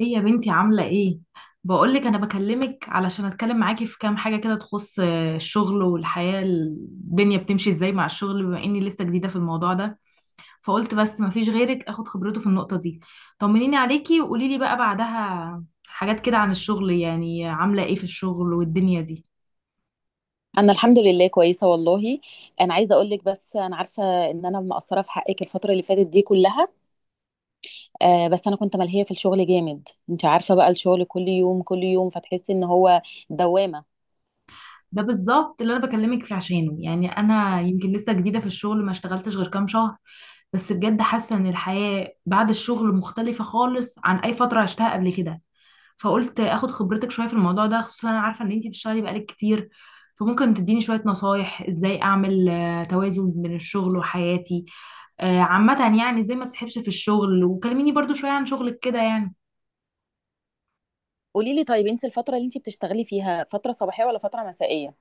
ايه يا بنتي عاملة ايه؟ بقولك انا بكلمك علشان اتكلم معاكي في كام حاجة كده تخص الشغل والحياة. الدنيا بتمشي ازاي مع الشغل بما اني لسه جديدة في الموضوع ده. فقلت بس مفيش غيرك اخد خبرته في النقطة دي. طمنيني عليكي وقولي لي بقى بعدها حاجات كده عن الشغل، يعني عاملة ايه في الشغل والدنيا دي. انا الحمد لله كويسه، والله. انا عايزه اقول لك بس انا عارفه ان انا مقصره في حقك الفتره اللي فاتت دي كلها. بس انا كنت ملهيه في الشغل جامد. انت عارفه بقى، الشغل كل يوم كل يوم، فتحسي ان هو دوامه. ده بالظبط اللي انا بكلمك فيه عشانه، يعني انا يمكن لسه جديدة في الشغل، ما اشتغلتش غير كام شهر، بس بجد حاسة ان الحياة بعد الشغل مختلفة خالص عن اي فترة عشتها قبل كده. فقلت اخد خبرتك شويه في الموضوع ده، خصوصا انا عارفه ان انتي بتشتغلي بقالك كتير. فممكن تديني شويه نصايح ازاي اعمل توازن بين الشغل وحياتي. عامة يعني ازاي ما تسحبش في الشغل، وكلميني برضو شوية عن شغلك كده يعني. قولي لي طيب، انت الفتره اللي انت بتشتغلي فيها فتره صباحيه ولا فتره مسائيه؟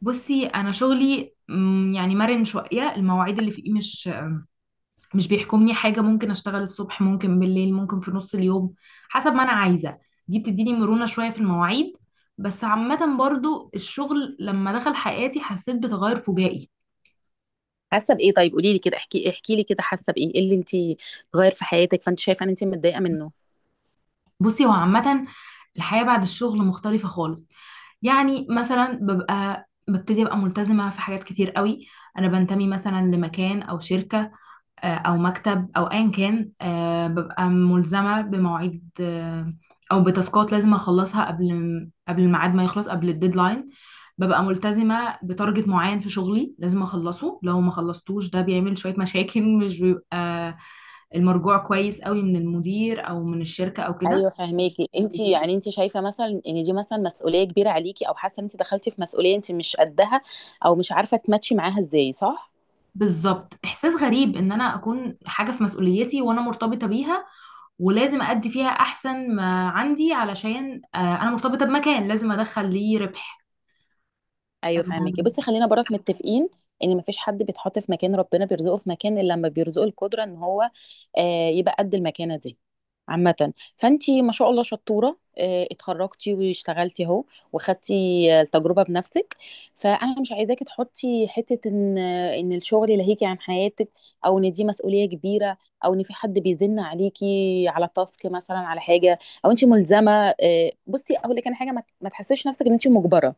بصي انا شغلي يعني مرن شوية. المواعيد اللي فيه مش بيحكمني حاجة. ممكن اشتغل الصبح، ممكن بالليل، ممكن في نص اليوم حسب ما انا عايزة. دي بتديني مرونة شوية في المواعيد، بس عامة برضو الشغل لما دخل حياتي حسيت بتغير فجائي. حاسه بايه؟ طيب قولي لي كده، احكي لي كده، حاسه بايه، ايه اللي انت غير في حياتك، فانت شايفه ان انت متضايقه منه؟ بصي، هو عامة الحياة بعد الشغل مختلفة خالص. يعني مثلا ببتدي ابقى ملتزمة في حاجات كتير قوي. انا بنتمي مثلا لمكان او شركة او مكتب او ايا كان، ببقى ملزمة بمواعيد، او بتاسكات لازم اخلصها قبل الميعاد، ما يخلص قبل الديدلاين. ببقى ملتزمة بتارجت معين في شغلي لازم اخلصه، لو ما خلصتوش ده بيعمل شوية مشاكل، مش بيبقى المرجوع كويس قوي من المدير او من الشركة او كده. ايوه، فهماكي. انت شايفه مثلا ان دي مثلا مسؤوليه كبيره عليكي، او حاسه ان انت دخلتي في مسؤوليه انت مش قدها، او مش عارفه تماتشي معاها ازاي، صح؟ بالظبط، احساس غريب ان انا اكون حاجه في مسؤوليتي وانا مرتبطه بيها، ولازم ادي فيها احسن ما عندي، علشان انا مرتبطه بمكان لازم ادخل ليه ربح. ايوه، فهماكي. بصي، خلينا برك متفقين ان مفيش حد بيتحط في مكان، ربنا بيرزقه في مكان الا لما بيرزقه القدره ان هو يبقى قد المكانه دي. عامة، فانتي ما شاء الله شطورة، اتخرجتي واشتغلتي اهو، وخدتي التجربة بنفسك. فانا مش عايزاكي تحطي حتة ان الشغل يلهيكي عن حياتك، او ان دي مسؤولية كبيرة، او ان في حد بيزن عليكي على تاسك مثلا، على حاجة، او انتي ملزمة. بصي اقول لك انا حاجة، ما تحسيش نفسك ان انتي مجبرة.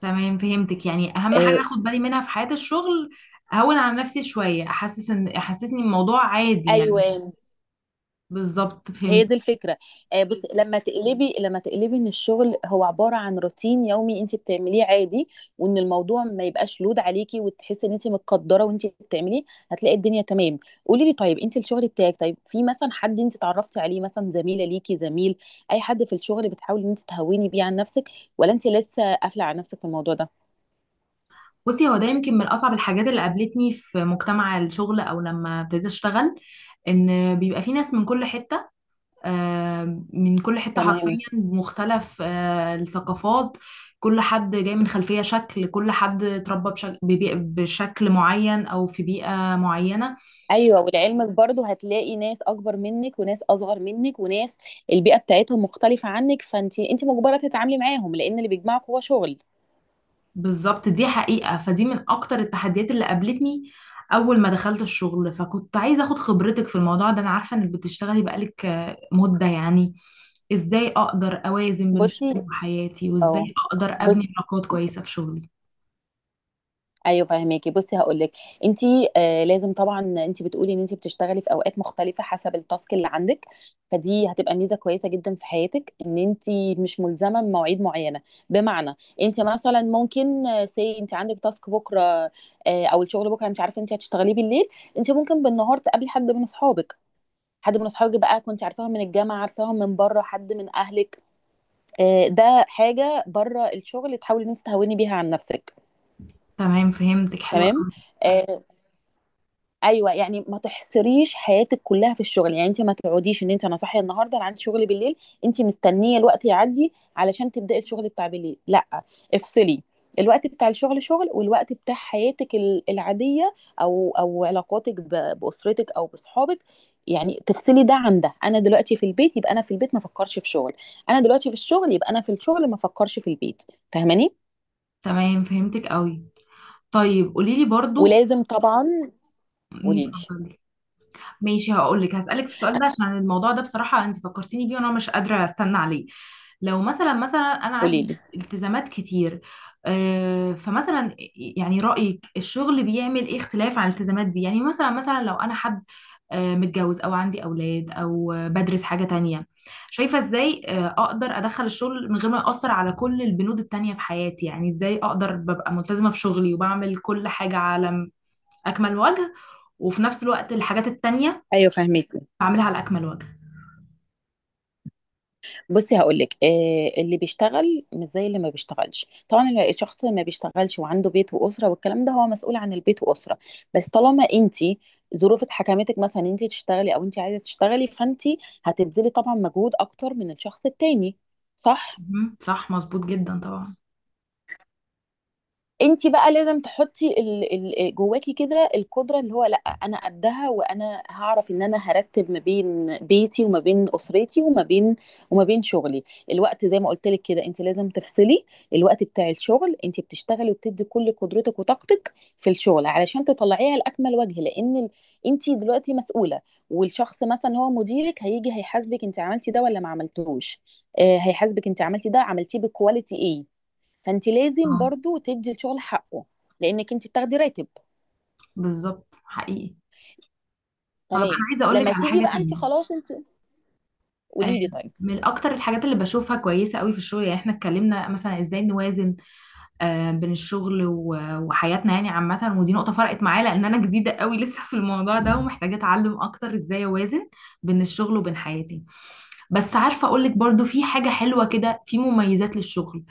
تمام فهمتك. يعني اهم حاجه آه، اخد بالي منها في حياه الشغل، اهون على نفسي شويه، احسسني الموضوع عادي يعني. ايوه، بالظبط فهمت. هي دي الفكره. بس لما تقلبي ان الشغل هو عباره عن روتين يومي انت بتعمليه عادي، وان الموضوع ما يبقاش لود عليكي، وتحسي ان انت متقدره وانت بتعمليه، هتلاقي الدنيا تمام. قولي لي طيب، انت الشغل بتاعك، طيب في مثلا حد انت اتعرفتي عليه مثلا، زميله ليكي زميل، اي حد في الشغل بتحاولي ان انت تهوني بيه عن نفسك، ولا انت لسه قافله على نفسك في الموضوع ده؟ بصي هو ده يمكن من اصعب الحاجات اللي قابلتني في مجتمع الشغل او لما ابتديت اشتغل. ان بيبقى في ناس من كل حته، من كل حتة حرفيا تمام. مختلف، الثقافات. كل حد جاي من خلفية، شكل كل حد اتربى بشكل معين أو في بيئة معينة. ايوه، ولعلمك برضو هتلاقي ناس اكبر منك وناس اصغر منك، وناس البيئه بتاعتهم مختلفه عنك. فانت مجبره تتعاملي معاهم، لان اللي بيجمعك هو شغل. بالظبط، دي حقيقة. فدي من أكتر التحديات اللي قابلتني أول ما دخلت الشغل. فكنت عايزة أخد خبرتك في الموضوع ده، أنا عارفة إنك بتشتغلي بقالك مدة يعني. إزاي أقدر أوازن بين الشغل بصي. وحياتي، اه وإزاي أقدر أبني بص. علاقات كويسة في شغلي. ايوه، فاهماكي. بصي هقول لك، انت لازم طبعا. انت بتقولي ان انت بتشتغلي في اوقات مختلفه حسب التاسك اللي عندك، فدي هتبقى ميزه كويسه جدا في حياتك ان انت مش ملزمه بمواعيد معينه. بمعنى، انت مثلا ممكن سي، انت عندك تاسك بكره، او الشغل بكره انت عارفه انت هتشتغليه بالليل، انت ممكن بالنهار تقابلي حد من اصحابك. حد من اصحابك بقى، كنت عارفاهم من الجامعه، عارفاهم من بره، حد من اهلك. ده حاجه بره الشغل تحاولي ان انت تهوني بيها عن نفسك. تمام فهمتك، حلوة تمام. أوي. ايوه يعني، ما تحصريش حياتك كلها في الشغل. يعني انت ما تقعديش ان انت انا صاحيه النهارده انا عندي شغل بالليل، انت مستنيه الوقت يعدي علشان تبداي الشغل بتاع بالليل، لا. افصلي. الوقت بتاع الشغل شغل، والوقت بتاع حياتك العاديه، او علاقاتك باسرتك او بصحابك. يعني تفصلي ده عن ده. انا دلوقتي في البيت، يبقى انا في البيت ما افكرش في شغل. انا دلوقتي في الشغل، يبقى انا في الشغل ما افكرش في البيت. فاهماني؟ تمام فهمتك أوي. طيب قولي لي برضو. ولازم طبعا. مم، قولي لي اتفضلي. ماشي، هقول لك. هسألك في السؤال ده عشان الموضوع ده بصراحة انت فكرتيني بيه وانا مش قادرة استنى عليه. لو مثلا، انا قولي عندي لي التزامات كتير. فمثلا يعني رأيك الشغل بيعمل ايه اختلاف عن الالتزامات دي؟ يعني مثلا، لو انا حد متجوز او عندي اولاد او بدرس حاجة تانية، شايفة ازاي اقدر ادخل الشغل من غير ما يأثر على كل البنود التانية في حياتي؟ يعني ازاي اقدر ببقى ملتزمة في شغلي وبعمل كل حاجة على اكمل وجه، وفي نفس الوقت الحاجات التانية ايوه، فاهمك. بعملها على اكمل وجه؟ بصي هقول لك، اللي بيشتغل مش زي اللي ما بيشتغلش طبعا. الشخص اللي ما بيشتغلش وعنده بيت واسره والكلام ده، هو مسؤول عن البيت واسره. بس طالما انت ظروفك حكمتك مثلا انت تشتغلي، او انت عايزه تشتغلي، فانت هتبذلي طبعا مجهود اكتر من الشخص التاني، صح؟ مهم. صح، مظبوط جدا طبعا. انت بقى لازم تحطي جواكي كده القدره. اللي هو لا، انا قدها، وانا هعرف ان انا هرتب ما بين بيتي، وما بين اسرتي، وما بين شغلي. الوقت زي ما قلت لك كده، انت لازم تفصلي. الوقت بتاع الشغل انت بتشتغلي وبتدي كل قدرتك وطاقتك في الشغل علشان تطلعيه على اكمل وجه، لان انت دلوقتي مسؤوله. والشخص مثلا هو مديرك هيجي هيحاسبك، انت عملتي ده ولا ما عملتوش. هيحاسبك انت عملتي ده، عملتيه بكواليتي ايه. فانت لازم اه، برضو تدي الشغل حقه، لانك انت بتاخدي راتب. بالظبط حقيقي. طيب انا تمام. عايزه اقول لك لما على تيجي حاجه بقى انت تاني. خلاص انت. آه، قولي لي طيب. من اكتر الحاجات اللي بشوفها كويسه قوي في الشغل، يعني احنا اتكلمنا مثلا ازاي نوازن بين الشغل وحياتنا، يعني عامه، ودي نقطه فرقت معايا لان انا جديده قوي لسه في الموضوع ده ومحتاجه اتعلم اكتر ازاي اوازن بين الشغل وبين حياتي. بس عارفه، اقول لك برضو في حاجه حلوه كده، في مميزات للشغل.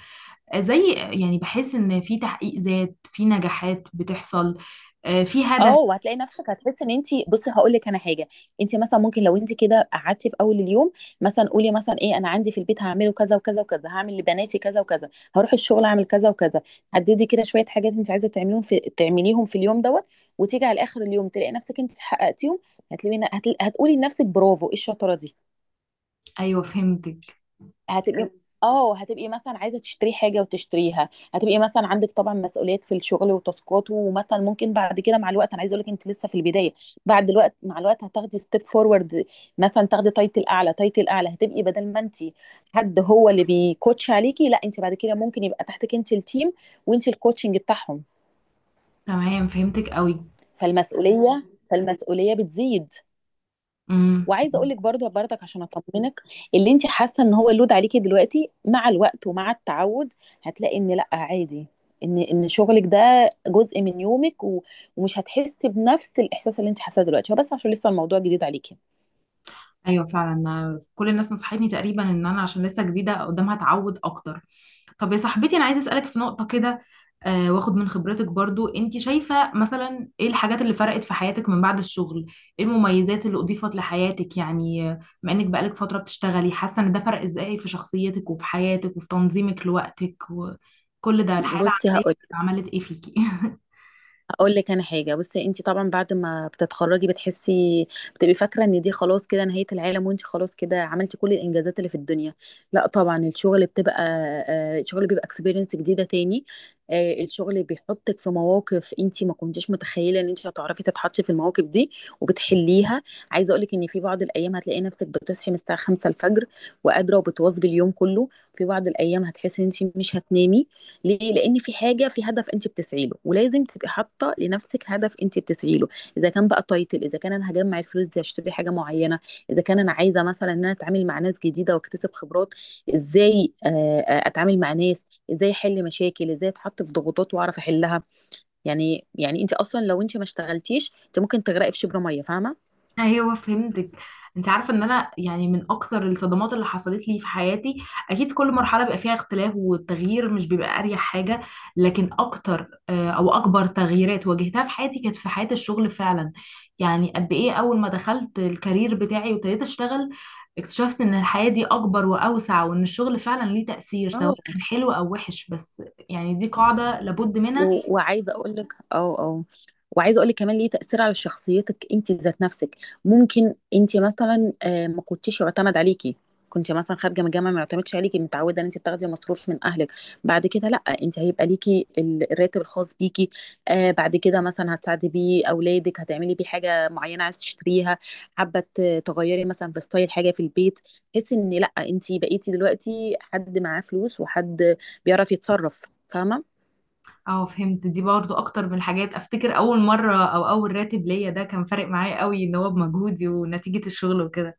زي يعني بحس ان في تحقيق ذات، في نجاحات بتحصل، في اه هدف. وهتلاقي نفسك هتحس ان انت، بصي هقول لك انا حاجه. انت مثلا ممكن لو انت كده قعدتي في اول اليوم، مثلا قولي مثلا ايه انا عندي في البيت هعمله كذا وكذا وكذا، هعمل لبناتي كذا وكذا، هروح الشغل اعمل كذا وكذا. حددي كده شويه حاجات انت عايزه تعمليهم، في اليوم دوت. وتيجي على اخر اليوم تلاقي نفسك انت حققتيهم. هتقولي لنفسك برافو، ايه الشطاره دي. ايوه فهمتك. هتبقي اه هتبقي مثلا عايزه تشتري حاجه وتشتريها. هتبقي مثلا عندك طبعا مسؤوليات في الشغل وتاسكات، ومثلا ممكن بعد كده مع الوقت، انا عايزه اقول لك انت لسه في البدايه. بعد الوقت مع الوقت هتاخدي ستيب فورورد، مثلا تاخدي تايتل اعلى، تايتل اعلى، هتبقي بدل ما انت حد هو اللي بيكوتش عليكي، لا انت بعد كده ممكن يبقى تحتك انت التيم، وانت الكوتشنج بتاعهم. تمام فهمتك قوي. فالمسؤوليه بتزيد. امم وعايزه اقول لك برضك عشان اطمنك، اللي انت حاسه ان هو لود عليكي دلوقتي، مع الوقت ومع التعود هتلاقي ان لا عادي، ان شغلك ده جزء من يومك، و- ومش هتحسي بنفس الاحساس اللي انت حاساه دلوقتي، هو بس عشان لسه الموضوع جديد عليكي. ايوه فعلا. أنا كل الناس نصحتني تقريبا ان انا عشان لسه جديده قدامها اتعود اكتر. طب يا صاحبتي انا عايزه اسالك في نقطه كده، واخد من خبرتك برضو. انت شايفه مثلا ايه الحاجات اللي فرقت في حياتك من بعد الشغل؟ ايه المميزات اللي اضيفت لحياتك يعني، بما انك بقالك فتره بتشتغلي، حاسه ان ده فرق ازاي في شخصيتك وفي حياتك وفي تنظيمك لوقتك، وكل ده الحياه بصي العمليه عملت ايه فيكي؟ هقول لك انا حاجه، بصي انت طبعا بعد ما بتتخرجي بتبقي فاكره ان دي خلاص كده نهايه العالم، وانت خلاص كده عملتي كل الانجازات اللي في الدنيا. لا طبعا. الشغل بتبقى آه، الشغل بيبقى اكسبيرينس جديده تاني. الشغل بيحطك في مواقف انت ما كنتيش متخيله ان انت هتعرفي تتحطي في المواقف دي وبتحليها. عايزه اقول لك ان في بعض الايام هتلاقي نفسك بتصحي من الساعه 5 الفجر، وقادره وبتواظبي اليوم كله. في بعض الايام هتحسي ان انت مش هتنامي. ليه؟ لان في حاجه، في هدف انت بتسعي له، ولازم تبقي حاطه لنفسك هدف انت بتسعي له. اذا كان بقى تايتل، اذا كان انا هجمع الفلوس دي اشتري حاجه معينه، اذا كان انا عايزه مثلا ان انا اتعامل مع ناس جديده واكتسب خبرات ازاي، اتعامل مع ناس ازاي، احل مشاكل ازاي، اتحط في ضغوطات واعرف احلها. يعني انت اصلا لو انت ما اشتغلتيش انت ممكن تغرقي في شبر ميه، فاهمه؟ ايوه فهمتك. انت عارفه ان انا يعني من اكتر الصدمات اللي حصلت لي في حياتي، اكيد كل مرحله بيبقى فيها اختلاف، والتغيير مش بيبقى اريح حاجه، لكن اكتر، او اكبر تغييرات واجهتها في حياتي كانت في حياه الشغل فعلا. يعني قد ايه اول ما دخلت الكارير بتاعي وابتديت اشتغل، اكتشفت ان الحياه دي اكبر واوسع، وان الشغل فعلا ليه تاثير سواء اه كان حلو او وحش. بس يعني دي قاعده لابد منها. و- وعايزه اقول لك وعايزه اقول لك كمان ليه تاثير على شخصيتك انت ذات نفسك. ممكن انت مثلا ما كنتيش يعتمد عليكي. كنت مثلا خارجه من الجامعه ما يعتمدش عليكي، متعوده ان انت بتاخدي مصروف من اهلك، بعد كده لا. انت هيبقى ليكي الراتب الخاص بيكي. بعد كده مثلا هتساعدي بيه اولادك، هتعملي بيه حاجه معينه عايز تشتريها، حابه تغيري مثلا في ستايل حاجه في البيت. تحسي ان لا، انت بقيتي دلوقتي حد معاه فلوس، وحد بيعرف يتصرف. فاهمه؟ اه فهمت. دي برضو اكتر من الحاجات. افتكر اول مرة او اول راتب ليا ده كان فارق معايا قوي، ان هو بمجهودي ونتيجة الشغل وكده.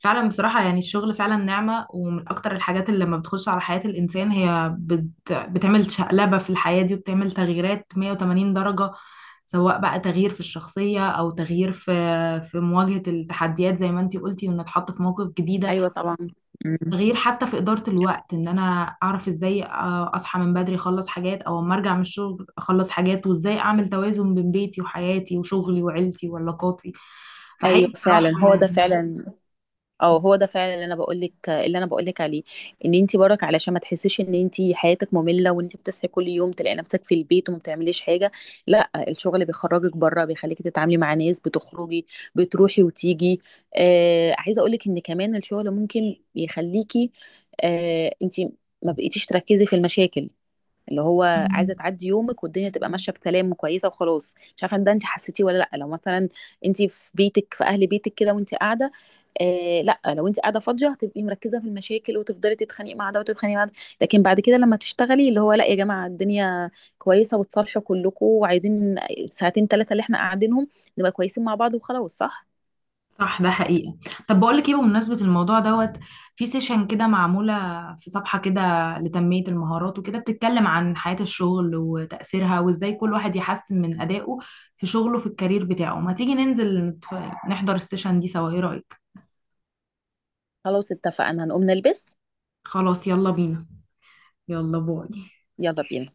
فعلا بصراحة، يعني الشغل فعلا نعمة، ومن اكتر الحاجات اللي لما بتخش على حياة الانسان هي بتعمل شقلبة في الحياة دي، وبتعمل تغييرات 180 درجة، سواء بقى تغيير في الشخصية او تغيير في مواجهة التحديات، زي ما انتي قلتي ونتحط في مواقف جديدة. ايوه طبعا. مم. غير حتى في إدارة الوقت، إن أنا أعرف إزاي أصحى من بدري أخلص حاجات، أو أما أرجع من الشغل أخلص حاجات، وإزاي أعمل توازن بين بيتي وحياتي وشغلي وعيلتي وعلاقاتي. ايوه فحقيقي بصراحة فعلا. هو ده يعني. فعلا او هو ده فعلا اللي انا بقول لك عليه. ان انت برك علشان ما تحسيش ان انت حياتك ممله، وان انت بتصحي كل يوم تلاقي نفسك في البيت وما بتعمليش حاجه. لا، الشغل بيخرجك بره، بيخليكي تتعاملي مع ناس، بتخرجي، بتروحي وتيجي. عايزه اقول لك ان كمان الشغل ممكن يخليكي انت ما بقيتيش تركزي في المشاكل. اللي هو عايزه مم. تعدي يومك والدنيا تبقى ماشيه بسلام وكويسه وخلاص. مش عارفه ان ده انت حسيتيه ولا لا. لو مثلا انت في بيتك في اهل بيتك كده وانت قاعده، لا، لو انت قاعده فاضيه هتبقي مركزه في المشاكل، وتفضلي تتخانقي مع ده وتتخانقي مع ده. لكن بعد كده لما تشتغلي، اللي هو لا يا جماعه الدنيا كويسه وتصالحوا كلكم، وعايزين ساعتين ثلاثه اللي احنا قاعدينهم نبقى كويسين مع بعض وخلاص، صح؟ صح، ده حقيقة. طب بقول لك إيه، بمناسبة الموضوع دوت، في سيشن كده معمولة، في صفحة كده لتنمية المهارات وكده، بتتكلم عن حياة الشغل وتأثيرها وإزاي كل واحد يحسن من أدائه في شغله في الكارير بتاعه. ما تيجي ننزل نحضر السيشن دي سوا، إيه رأيك؟ خلاص، اتفقنا. هنقوم نلبس. خلاص يلا بينا. يلا باي. يلا بينا.